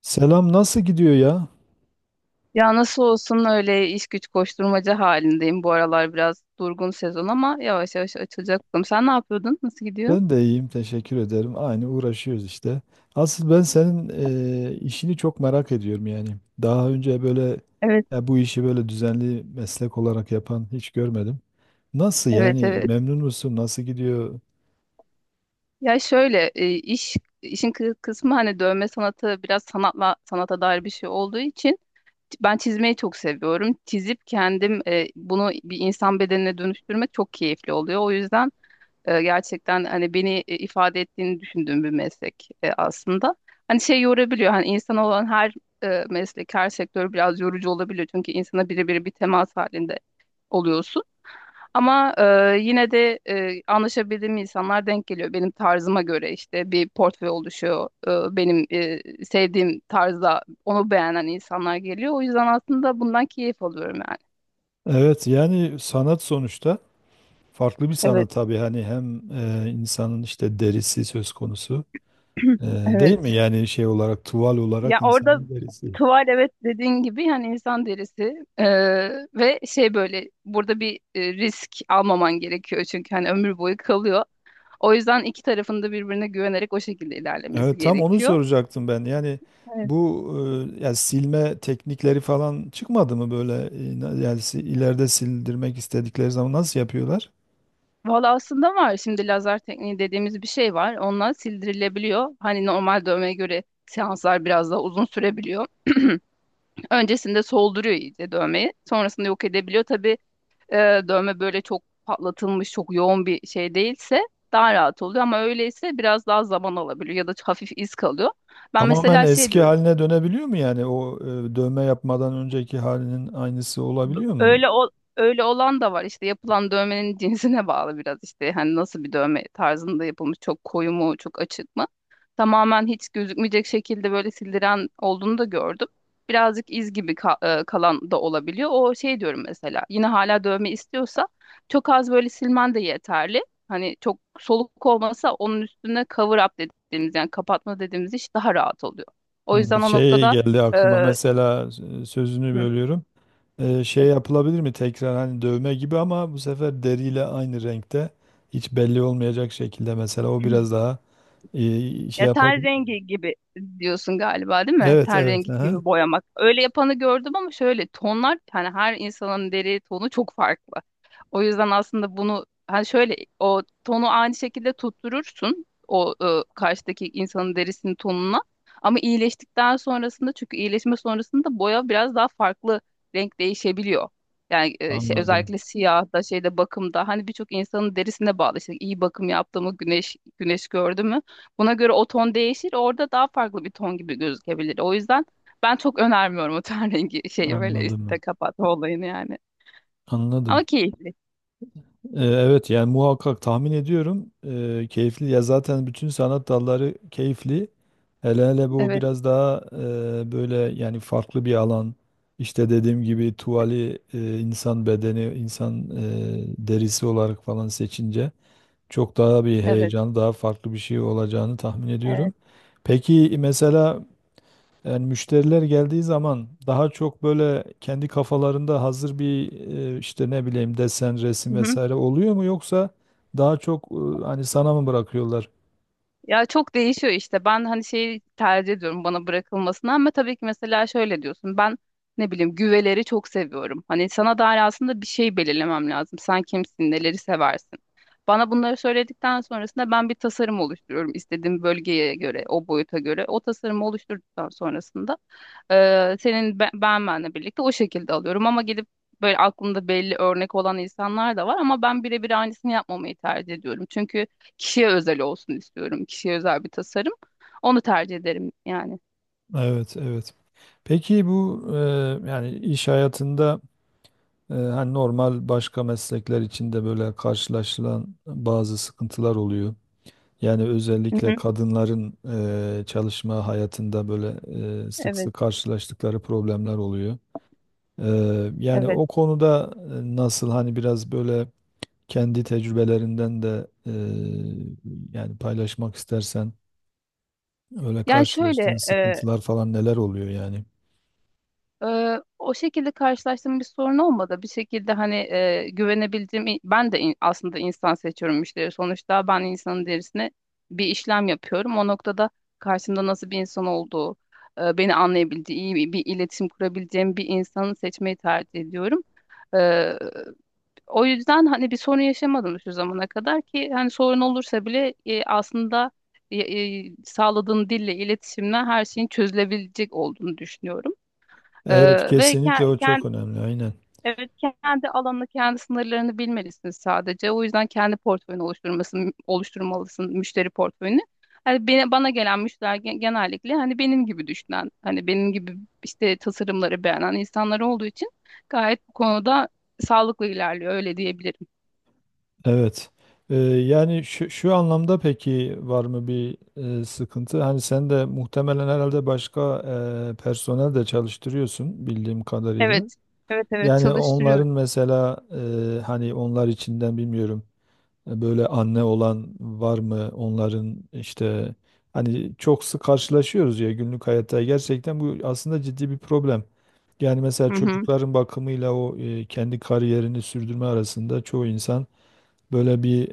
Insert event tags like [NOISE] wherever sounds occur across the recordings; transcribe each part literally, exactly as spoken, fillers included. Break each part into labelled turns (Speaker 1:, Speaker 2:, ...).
Speaker 1: Selam, nasıl gidiyor ya?
Speaker 2: Ya nasıl olsun öyle iş güç koşturmaca halindeyim. Bu aralar biraz durgun sezon ama yavaş yavaş açılacak bakalım. Sen ne yapıyordun? Nasıl gidiyor?
Speaker 1: Ben de iyiyim, teşekkür ederim. Aynı, uğraşıyoruz işte. Asıl ben senin e, işini çok merak ediyorum yani. Daha önce böyle
Speaker 2: Evet.
Speaker 1: ya bu işi böyle düzenli meslek olarak yapan hiç görmedim. Nasıl
Speaker 2: Evet,
Speaker 1: yani,
Speaker 2: evet.
Speaker 1: memnun musun? Nasıl gidiyor?
Speaker 2: Ya şöyle e, iş işin kı- kısmı, hani dövme sanatı biraz sanatla, sanata dair bir şey olduğu için ben çizmeyi çok seviyorum. Çizip kendim e, bunu bir insan bedenine dönüştürmek çok keyifli oluyor. O yüzden E, gerçekten hani beni e, ifade ettiğini düşündüğüm bir meslek e, aslında. Hani şey yorabiliyor, hani insan olan her e, meslek, her sektör biraz yorucu olabiliyor. Çünkü insana birebir bir temas halinde oluyorsun. Ama e, yine de e, anlaşabildiğim insanlar denk geliyor. Benim tarzıma göre işte bir portföy oluşuyor. E, benim e, sevdiğim tarzda onu beğenen insanlar geliyor. O yüzden aslında bundan keyif alıyorum yani.
Speaker 1: Evet, yani sanat sonuçta, farklı bir
Speaker 2: Evet,
Speaker 1: sanat tabii, hani hem e, insanın işte derisi söz konusu
Speaker 2: [CLEARS THROAT]
Speaker 1: e, değil mi?
Speaker 2: evet.
Speaker 1: Yani şey olarak, tuval olarak
Speaker 2: Ya orada
Speaker 1: insanın derisi.
Speaker 2: tuval, evet, dediğin gibi, yani insan derisi. Ee, ve şey, böyle burada bir e, risk almaman gerekiyor, çünkü hani ömür boyu kalıyor. O yüzden iki tarafında birbirine güvenerek o şekilde ilerlemesi
Speaker 1: Evet, tam onu
Speaker 2: gerekiyor.
Speaker 1: soracaktım ben. Yani
Speaker 2: Evet.
Speaker 1: bu e, yani silme teknikleri falan çıkmadı mı böyle e, na- yani si- ileride sildirmek istedikleri zaman nasıl yapıyorlar?
Speaker 2: Valla aslında var, şimdi lazer tekniği dediğimiz bir şey var. Onunla sildirilebiliyor. Hani normal dövmeye göre seanslar biraz daha uzun sürebiliyor. Öncesinde solduruyor iyice dövmeyi. Sonrasında yok edebiliyor. Tabii e, dövme böyle çok patlatılmış, çok yoğun bir şey değilse daha rahat oluyor, ama öyleyse biraz daha zaman alabiliyor ya da hafif iz kalıyor. Ben
Speaker 1: Tamamen
Speaker 2: mesela şey
Speaker 1: eski
Speaker 2: diyorum.
Speaker 1: haline dönebiliyor mu yani, o e, dövme yapmadan önceki halinin aynısı
Speaker 2: B-
Speaker 1: olabiliyor mu?
Speaker 2: Öyle ol- Öyle olan da var işte, yapılan dövmenin [LAUGHS] cinsine bağlı biraz, işte hani nasıl bir dövme tarzında yapılmış, çok koyu mu, çok açık mı. Tamamen hiç gözükmeyecek şekilde böyle sildiren olduğunu da gördüm. Birazcık iz gibi ka- e, kalan da olabiliyor. O şey diyorum mesela, yine hala dövme istiyorsa çok az böyle silmen de yeterli. Hani çok soluk olmasa onun üstüne cover up dediğimiz, yani kapatma dediğimiz iş daha rahat oluyor. O
Speaker 1: Hı,
Speaker 2: yüzden o
Speaker 1: şey
Speaker 2: noktada.
Speaker 1: geldi
Speaker 2: e,
Speaker 1: aklıma mesela, e, sözünü bölüyorum. E, şey yapılabilir mi tekrar, hani dövme gibi ama bu sefer deriyle aynı renkte, hiç belli olmayacak şekilde, mesela o
Speaker 2: hı.
Speaker 1: biraz daha e, şey
Speaker 2: Ya ten
Speaker 1: yapabilir.
Speaker 2: rengi gibi diyorsun galiba, değil mi?
Speaker 1: Evet,
Speaker 2: Ten
Speaker 1: evet,
Speaker 2: rengi
Speaker 1: aha.
Speaker 2: gibi boyamak. Öyle yapanı gördüm, ama şöyle tonlar, hani her insanın deri tonu çok farklı. O yüzden aslında bunu hani şöyle, o tonu aynı şekilde tutturursun, o e, karşıdaki insanın derisinin tonuna. Ama iyileştikten sonrasında, çünkü iyileşme sonrasında boya biraz daha farklı, renk değişebiliyor. Yani e, şey,
Speaker 1: Anladım.
Speaker 2: özellikle siyah da şeyde, bakımda, hani birçok insanın derisine bağlı. İşte iyi bakım yaptı mı, güneş güneş gördü mü? Buna göre o ton değişir. Orada daha farklı bir ton gibi gözükebilir. O yüzden ben çok önermiyorum o ten [LAUGHS] rengi şeyi, böyle üstte
Speaker 1: Anladım.
Speaker 2: kapatma olayını yani.
Speaker 1: Anladım.
Speaker 2: Ama keyifli.
Speaker 1: Ee, evet, yani muhakkak tahmin ediyorum, ee, keyifli ya, zaten bütün sanat dalları keyifli. Hele hele bu
Speaker 2: Evet,
Speaker 1: biraz daha e, böyle yani farklı bir alan. İşte dediğim gibi, tuvali e, insan bedeni, insan e, derisi olarak falan seçince, çok daha bir
Speaker 2: evet,
Speaker 1: heyecan, daha farklı bir şey olacağını tahmin ediyorum.
Speaker 2: evet.
Speaker 1: Peki mesela, yani müşteriler geldiği zaman daha çok böyle kendi kafalarında hazır bir e, işte ne bileyim desen, resim
Speaker 2: Hı hı.
Speaker 1: vesaire oluyor mu, yoksa daha çok e, hani sana mı bırakıyorlar?
Speaker 2: Ya çok değişiyor işte. Ben hani şeyi tercih ediyorum, bana bırakılmasını, ama tabii ki mesela şöyle diyorsun. Ben ne bileyim, güveleri çok seviyorum. Hani sana dair aslında bir şey belirlemem lazım. Sen kimsin, neleri seversin? Bana bunları söyledikten sonrasında ben bir tasarım oluşturuyorum, istediğim bölgeye göre, o boyuta göre. O tasarımı oluşturduktan sonrasında Ee, senin be- ben, benle birlikte o şekilde alıyorum. Ama gidip böyle aklımda belli örnek olan insanlar da var, ama ben birebir aynısını yapmamayı tercih ediyorum. Çünkü kişiye özel olsun istiyorum. Kişiye özel bir tasarım. Onu tercih ederim yani.
Speaker 1: Evet, evet. Peki bu e, yani iş hayatında e, hani normal başka meslekler içinde böyle karşılaşılan bazı sıkıntılar oluyor. Yani
Speaker 2: Hı
Speaker 1: özellikle
Speaker 2: hı.
Speaker 1: kadınların e, çalışma hayatında böyle e, sık
Speaker 2: Evet,
Speaker 1: sık karşılaştıkları problemler oluyor. Eee, yani
Speaker 2: evet.
Speaker 1: o konuda e, nasıl hani biraz böyle kendi tecrübelerinden de, eee, yani paylaşmak istersen, öyle
Speaker 2: Yani
Speaker 1: karşılaştığın
Speaker 2: şöyle e,
Speaker 1: sıkıntılar falan neler oluyor yani?
Speaker 2: Ee, o şekilde karşılaştığım bir sorun olmadı. Bir şekilde hani e, güvenebildiğim, ben de in- aslında insan seçiyorum, müşteri. Sonuçta ben insanın derisine bir işlem yapıyorum. O noktada karşımda nasıl bir insan olduğu, e, beni anlayabildiği, iyi bir, bir iletişim kurabileceğim bir insanı seçmeyi tercih ediyorum. Ee, o yüzden hani bir sorun yaşamadım şu zamana kadar. Ki hani sorun olursa bile e, aslında e, e, sağladığın dille, iletişimle her şeyin çözülebilecek olduğunu düşünüyorum.
Speaker 1: Evet,
Speaker 2: Ee, ve
Speaker 1: kesinlikle, o çok
Speaker 2: kendi,
Speaker 1: önemli, aynen.
Speaker 2: evet, kendi alanını, kendi sınırlarını bilmelisin sadece. O yüzden kendi portföyünü oluşturmasın, oluşturmalısın, müşteri portföyünü. Hani beni, bana gelen müşteriler gen- genellikle hani benim gibi düşünen, hani benim gibi işte tasarımları beğenen insanlar olduğu için gayet bu konuda sağlıklı ilerliyor, öyle diyebilirim.
Speaker 1: Evet. Eee, yani şu, şu anlamda peki var mı bir e, sıkıntı? Hani sen de muhtemelen herhalde başka e, personel de çalıştırıyorsun bildiğim kadarıyla.
Speaker 2: Evet, evet, evet
Speaker 1: Yani
Speaker 2: çalıştırıyor.
Speaker 1: onların mesela e, hani onlar içinden bilmiyorum e, böyle anne olan var mı, onların işte, hani çok sık karşılaşıyoruz ya günlük hayatta, gerçekten bu aslında ciddi bir problem. Yani mesela
Speaker 2: Hı hı.
Speaker 1: çocukların bakımıyla o e, kendi kariyerini sürdürme arasında çoğu insan böyle bir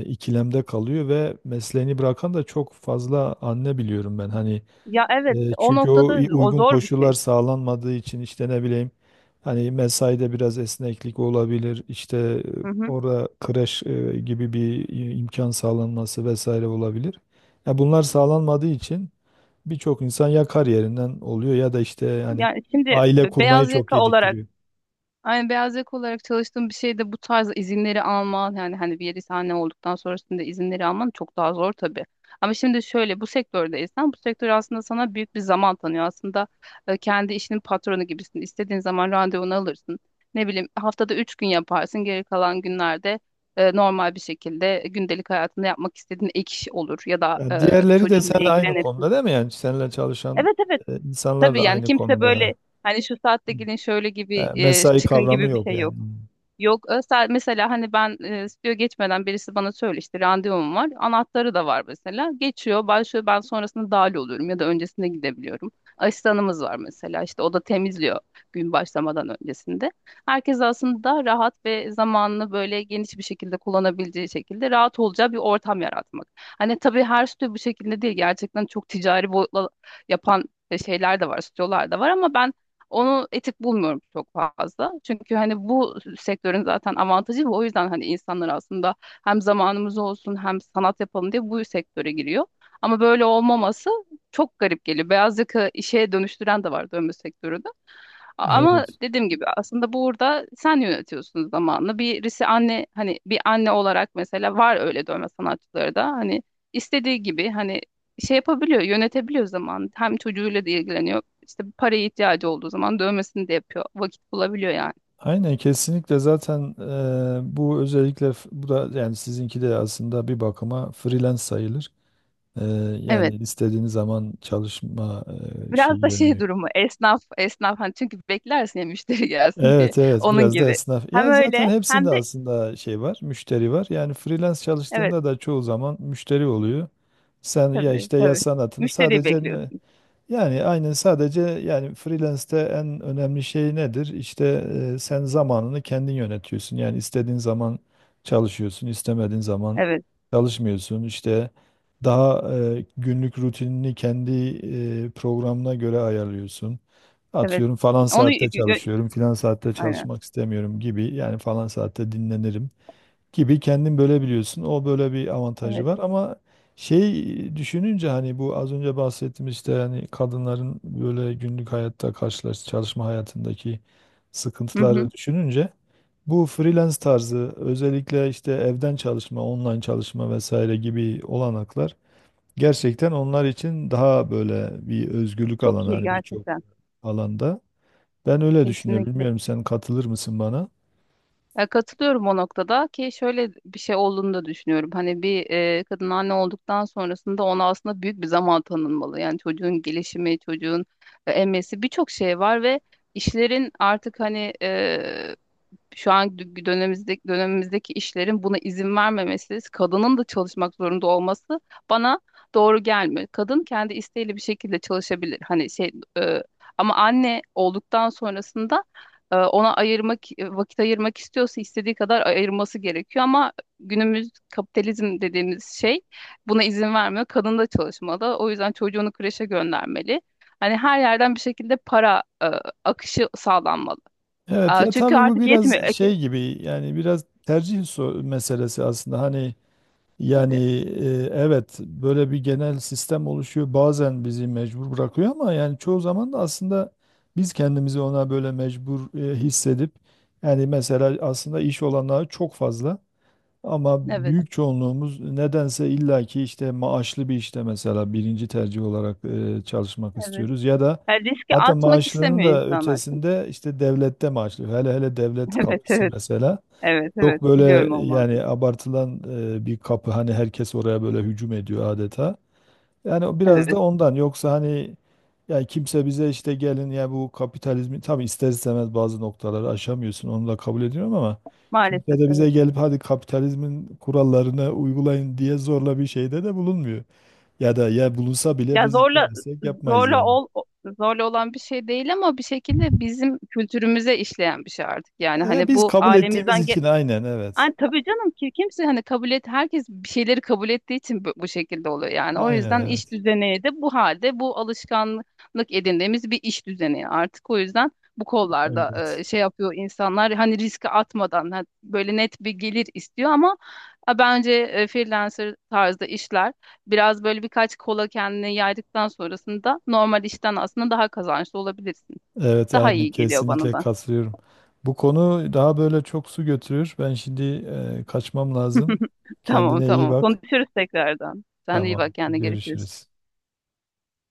Speaker 1: e, ikilemde kalıyor ve mesleğini bırakan da çok fazla anne biliyorum ben. Hani
Speaker 2: Ya evet,
Speaker 1: e,
Speaker 2: o
Speaker 1: çünkü o
Speaker 2: noktada
Speaker 1: i-
Speaker 2: o
Speaker 1: uygun
Speaker 2: zor bir
Speaker 1: koşullar
Speaker 2: şey.
Speaker 1: sağlanmadığı için, işte ne bileyim, hani mesaide biraz esneklik olabilir. İşte e,
Speaker 2: Hı hı.
Speaker 1: orada kreş e, gibi bir i- imkan sağlanması vesaire olabilir. Ya bunlar sağlanmadığı için birçok insan ya kariyerinden oluyor, ya da işte yani
Speaker 2: Yani şimdi
Speaker 1: aile
Speaker 2: be-
Speaker 1: kurmayı
Speaker 2: beyaz
Speaker 1: çok
Speaker 2: yaka olarak
Speaker 1: geciktiriyor.
Speaker 2: Aynı beyaz yaka olarak çalıştığım bir şeyde bu tarz izinleri alman, yani hani bir yeri sahne olduktan sonrasında izinleri alman çok daha zor tabii. Ama şimdi şöyle, bu sektördeysen bu sektör aslında sana büyük bir zaman tanıyor. Aslında e, kendi işinin patronu gibisin. İstediğin zaman randevunu alırsın. Ne bileyim, haftada üç gün yaparsın. Geri kalan günlerde e, normal bir şekilde gündelik hayatında yapmak istediğin ek iş olur ya da e,
Speaker 1: Ya diğerleri de
Speaker 2: çocuğunla
Speaker 1: seninle aynı
Speaker 2: ilgilenirsin.
Speaker 1: konuda değil mi? Yani seninle çalışan
Speaker 2: Evet, evet,
Speaker 1: e, insanlar
Speaker 2: tabii,
Speaker 1: da
Speaker 2: yani
Speaker 1: aynı
Speaker 2: kimse
Speaker 1: konumda, ha.
Speaker 2: böyle hani şu saatte gelin şöyle
Speaker 1: E,
Speaker 2: gibi, e,
Speaker 1: mesai
Speaker 2: çıkın
Speaker 1: kavramı
Speaker 2: gibi bir
Speaker 1: yok
Speaker 2: şey
Speaker 1: yani.
Speaker 2: yok. Yok. Özel mesela, hani ben e, stüdyo geçmeden birisi bana söyle, işte randevum var. Anahtarı da var mesela. Geçiyor, başlıyor. Ben sonrasında dahil oluyorum ya da öncesinde gidebiliyorum. Asistanımız var mesela. İşte o da temizliyor gün başlamadan öncesinde. Herkes aslında rahat ve zamanını böyle geniş bir şekilde kullanabileceği şekilde, rahat olacağı bir ortam yaratmak. Hani tabii her stüdyo bu şekilde değil. Gerçekten çok ticari boyutla yapan e, şeyler de var, stüdyolar da var, ama ben onu etik bulmuyorum çok fazla. Çünkü hani bu sektörün zaten avantajı bu. O yüzden hani insanlar aslında hem zamanımız olsun hem sanat yapalım diye bu sektöre giriyor. Ama böyle olmaması çok garip geliyor. Beyaz yaka işe dönüştüren de var dövme sektörünü. Ama
Speaker 1: Evet.
Speaker 2: dediğim gibi, aslında burada sen yönetiyorsun zamanını. Birisi anne, hani bir anne olarak mesela, var öyle dövme sanatçıları da, hani istediği gibi hani şey yapabiliyor, yönetebiliyor zaman. Hem çocuğuyla da ilgileniyor. İşte bir paraya ihtiyacı olduğu zaman dövmesini de yapıyor. Vakit bulabiliyor yani.
Speaker 1: Aynen, kesinlikle. Zaten eee, bu özellikle, f- bu da yani sizinki de aslında bir bakıma freelance sayılır. Eee, Yani
Speaker 2: Evet.
Speaker 1: istediğiniz zaman çalışma eee, şey
Speaker 2: Biraz da şey
Speaker 1: yönü.
Speaker 2: durumu, esnaf esnaf, hani çünkü beklersin ya müşteri gelsin diye.
Speaker 1: Evet, evet,
Speaker 2: Onun
Speaker 1: biraz da
Speaker 2: gibi.
Speaker 1: esnaf.
Speaker 2: Hem
Speaker 1: Ya
Speaker 2: öyle
Speaker 1: zaten hepsinde
Speaker 2: hem de,
Speaker 1: aslında şey var, müşteri var. Yani freelance
Speaker 2: evet,
Speaker 1: çalıştığında da çoğu zaman müşteri oluyor. Sen ya
Speaker 2: tabii,
Speaker 1: işte ya
Speaker 2: tabii.
Speaker 1: sanatını
Speaker 2: Müşteriyi
Speaker 1: sadece,
Speaker 2: bekliyorsun.
Speaker 1: yani aynen, sadece yani freelance'te en önemli şey nedir? İşte e, sen zamanını kendin yönetiyorsun. Yani istediğin zaman çalışıyorsun, istemediğin zaman
Speaker 2: Evet,
Speaker 1: çalışmıyorsun. İşte daha e, günlük rutinini kendi e, programına göre ayarlıyorsun.
Speaker 2: evet.
Speaker 1: Atıyorum falan
Speaker 2: Onu y-
Speaker 1: saatte
Speaker 2: y- y-
Speaker 1: çalışıyorum, filan saatte
Speaker 2: Aynen.
Speaker 1: çalışmak istemiyorum gibi, yani falan saatte dinlenirim gibi kendin bölebiliyorsun. O böyle bir avantajı var ama, şey, düşününce hani bu az önce bahsettiğimiz, işte hani kadınların böyle günlük hayatta karşılaş çalışma hayatındaki
Speaker 2: Hı hı.
Speaker 1: sıkıntıları düşününce, bu freelance tarzı, özellikle işte evden çalışma, online çalışma vesaire gibi olanaklar gerçekten onlar için daha böyle bir özgürlük
Speaker 2: Çok
Speaker 1: alanı,
Speaker 2: iyi
Speaker 1: hani birçok
Speaker 2: gerçekten.
Speaker 1: alanda. Ben öyle düşünüyorum.
Speaker 2: Kesinlikle.
Speaker 1: Bilmiyorum, sen katılır mısın bana?
Speaker 2: Ya katılıyorum o noktada, ki şöyle bir şey olduğunu da düşünüyorum. Hani bir e, kadın anne olduktan sonrasında ona aslında büyük bir zaman tanınmalı. Yani çocuğun gelişimi, çocuğun e, emmesi, birçok şey var ve işlerin artık hani şu an dü- dönemimizdeki dönemimizdeki işlerin buna izin vermemesi, kadının da çalışmak zorunda olması bana doğru gelmiyor. Kadın kendi isteğiyle bir şekilde çalışabilir. Hani şey, e, ama anne olduktan sonrasında e, ona ayırmak, e, vakit ayırmak istiyorsa istediği kadar ayırması gerekiyor, ama günümüz, kapitalizm dediğimiz şey buna izin vermiyor. Kadın da çalışmalı. O yüzden çocuğunu kreşe göndermeli. Hani her yerden bir şekilde para e, akışı sağlanmalı.
Speaker 1: Evet
Speaker 2: Aa,
Speaker 1: ya,
Speaker 2: Çünkü
Speaker 1: tabii bu
Speaker 2: artık yetmiyor.
Speaker 1: biraz şey gibi yani, biraz tercih so- meselesi aslında, hani yani
Speaker 2: Tabii.
Speaker 1: e, evet, böyle bir genel sistem oluşuyor, bazen bizi mecbur bırakıyor ama yani çoğu zaman da aslında biz kendimizi ona böyle mecbur e, hissedip, yani mesela aslında iş olanağı çok fazla. Ama
Speaker 2: Evet,
Speaker 1: büyük çoğunluğumuz nedense illaki işte maaşlı bir işte, mesela birinci tercih olarak e, çalışmak
Speaker 2: evet.
Speaker 1: istiyoruz ya da,
Speaker 2: Yani riski
Speaker 1: hatta
Speaker 2: atmak
Speaker 1: maaşlının
Speaker 2: istemiyor
Speaker 1: da
Speaker 2: insanlar çünkü.
Speaker 1: ötesinde işte devlette maaşlı. Hele hele devlet
Speaker 2: [LAUGHS] Evet,
Speaker 1: kapısı
Speaker 2: evet.
Speaker 1: mesela
Speaker 2: Evet, evet.
Speaker 1: çok
Speaker 2: Biliyorum
Speaker 1: böyle
Speaker 2: o
Speaker 1: yani
Speaker 2: muhabbeti.
Speaker 1: abartılan e, bir kapı, hani herkes oraya böyle hücum ediyor adeta. Yani o biraz da
Speaker 2: Evet.
Speaker 1: ondan. Yoksa hani yani kimse bize işte gelin ya, bu kapitalizmi tabii ister istemez bazı noktaları aşamıyorsun. Onu da kabul ediyorum ama kimse
Speaker 2: Maalesef
Speaker 1: de bize
Speaker 2: evet.
Speaker 1: gelip hadi kapitalizmin kurallarını uygulayın diye zorla bir şeyde de bulunmuyor. Ya da ya bulunsa bile
Speaker 2: Ya
Speaker 1: biz
Speaker 2: zorla
Speaker 1: istemezsek yapmayız
Speaker 2: zorla
Speaker 1: yani.
Speaker 2: ol zorla olan bir şey değil, ama bir şekilde bizim kültürümüze işleyen bir şey artık. Yani
Speaker 1: Ya
Speaker 2: hani
Speaker 1: biz
Speaker 2: bu
Speaker 1: kabul ettiğimiz
Speaker 2: ailemizden.
Speaker 1: için, aynen, evet.
Speaker 2: Ay, tabii canım ki, kimse hani kabul et, herkes bir şeyleri kabul ettiği için bu, bu şekilde oluyor yani. O
Speaker 1: Aynen,
Speaker 2: yüzden iş
Speaker 1: evet.
Speaker 2: düzeni de bu halde, bu alışkanlık edindiğimiz bir iş düzeni artık, o yüzden bu kollarda
Speaker 1: Evet.
Speaker 2: e, şey yapıyor insanlar, hani riske atmadan, ha- böyle net bir gelir istiyor, ama e, bence e, freelancer tarzda işler biraz böyle birkaç kola kendini yaydıktan sonrasında normal işten aslında daha kazançlı olabilirsin.
Speaker 1: Evet,
Speaker 2: Daha
Speaker 1: aynen,
Speaker 2: iyi geliyor bana
Speaker 1: kesinlikle
Speaker 2: da.
Speaker 1: katılıyorum. Bu konu daha böyle çok su götürür. Ben şimdi e, kaçmam lazım.
Speaker 2: Tamam,
Speaker 1: Kendine iyi
Speaker 2: tamam.
Speaker 1: bak.
Speaker 2: Konuşuruz tekrardan. Sen de iyi
Speaker 1: Tamam.
Speaker 2: bak kendine, görüşürüz.
Speaker 1: Görüşürüz.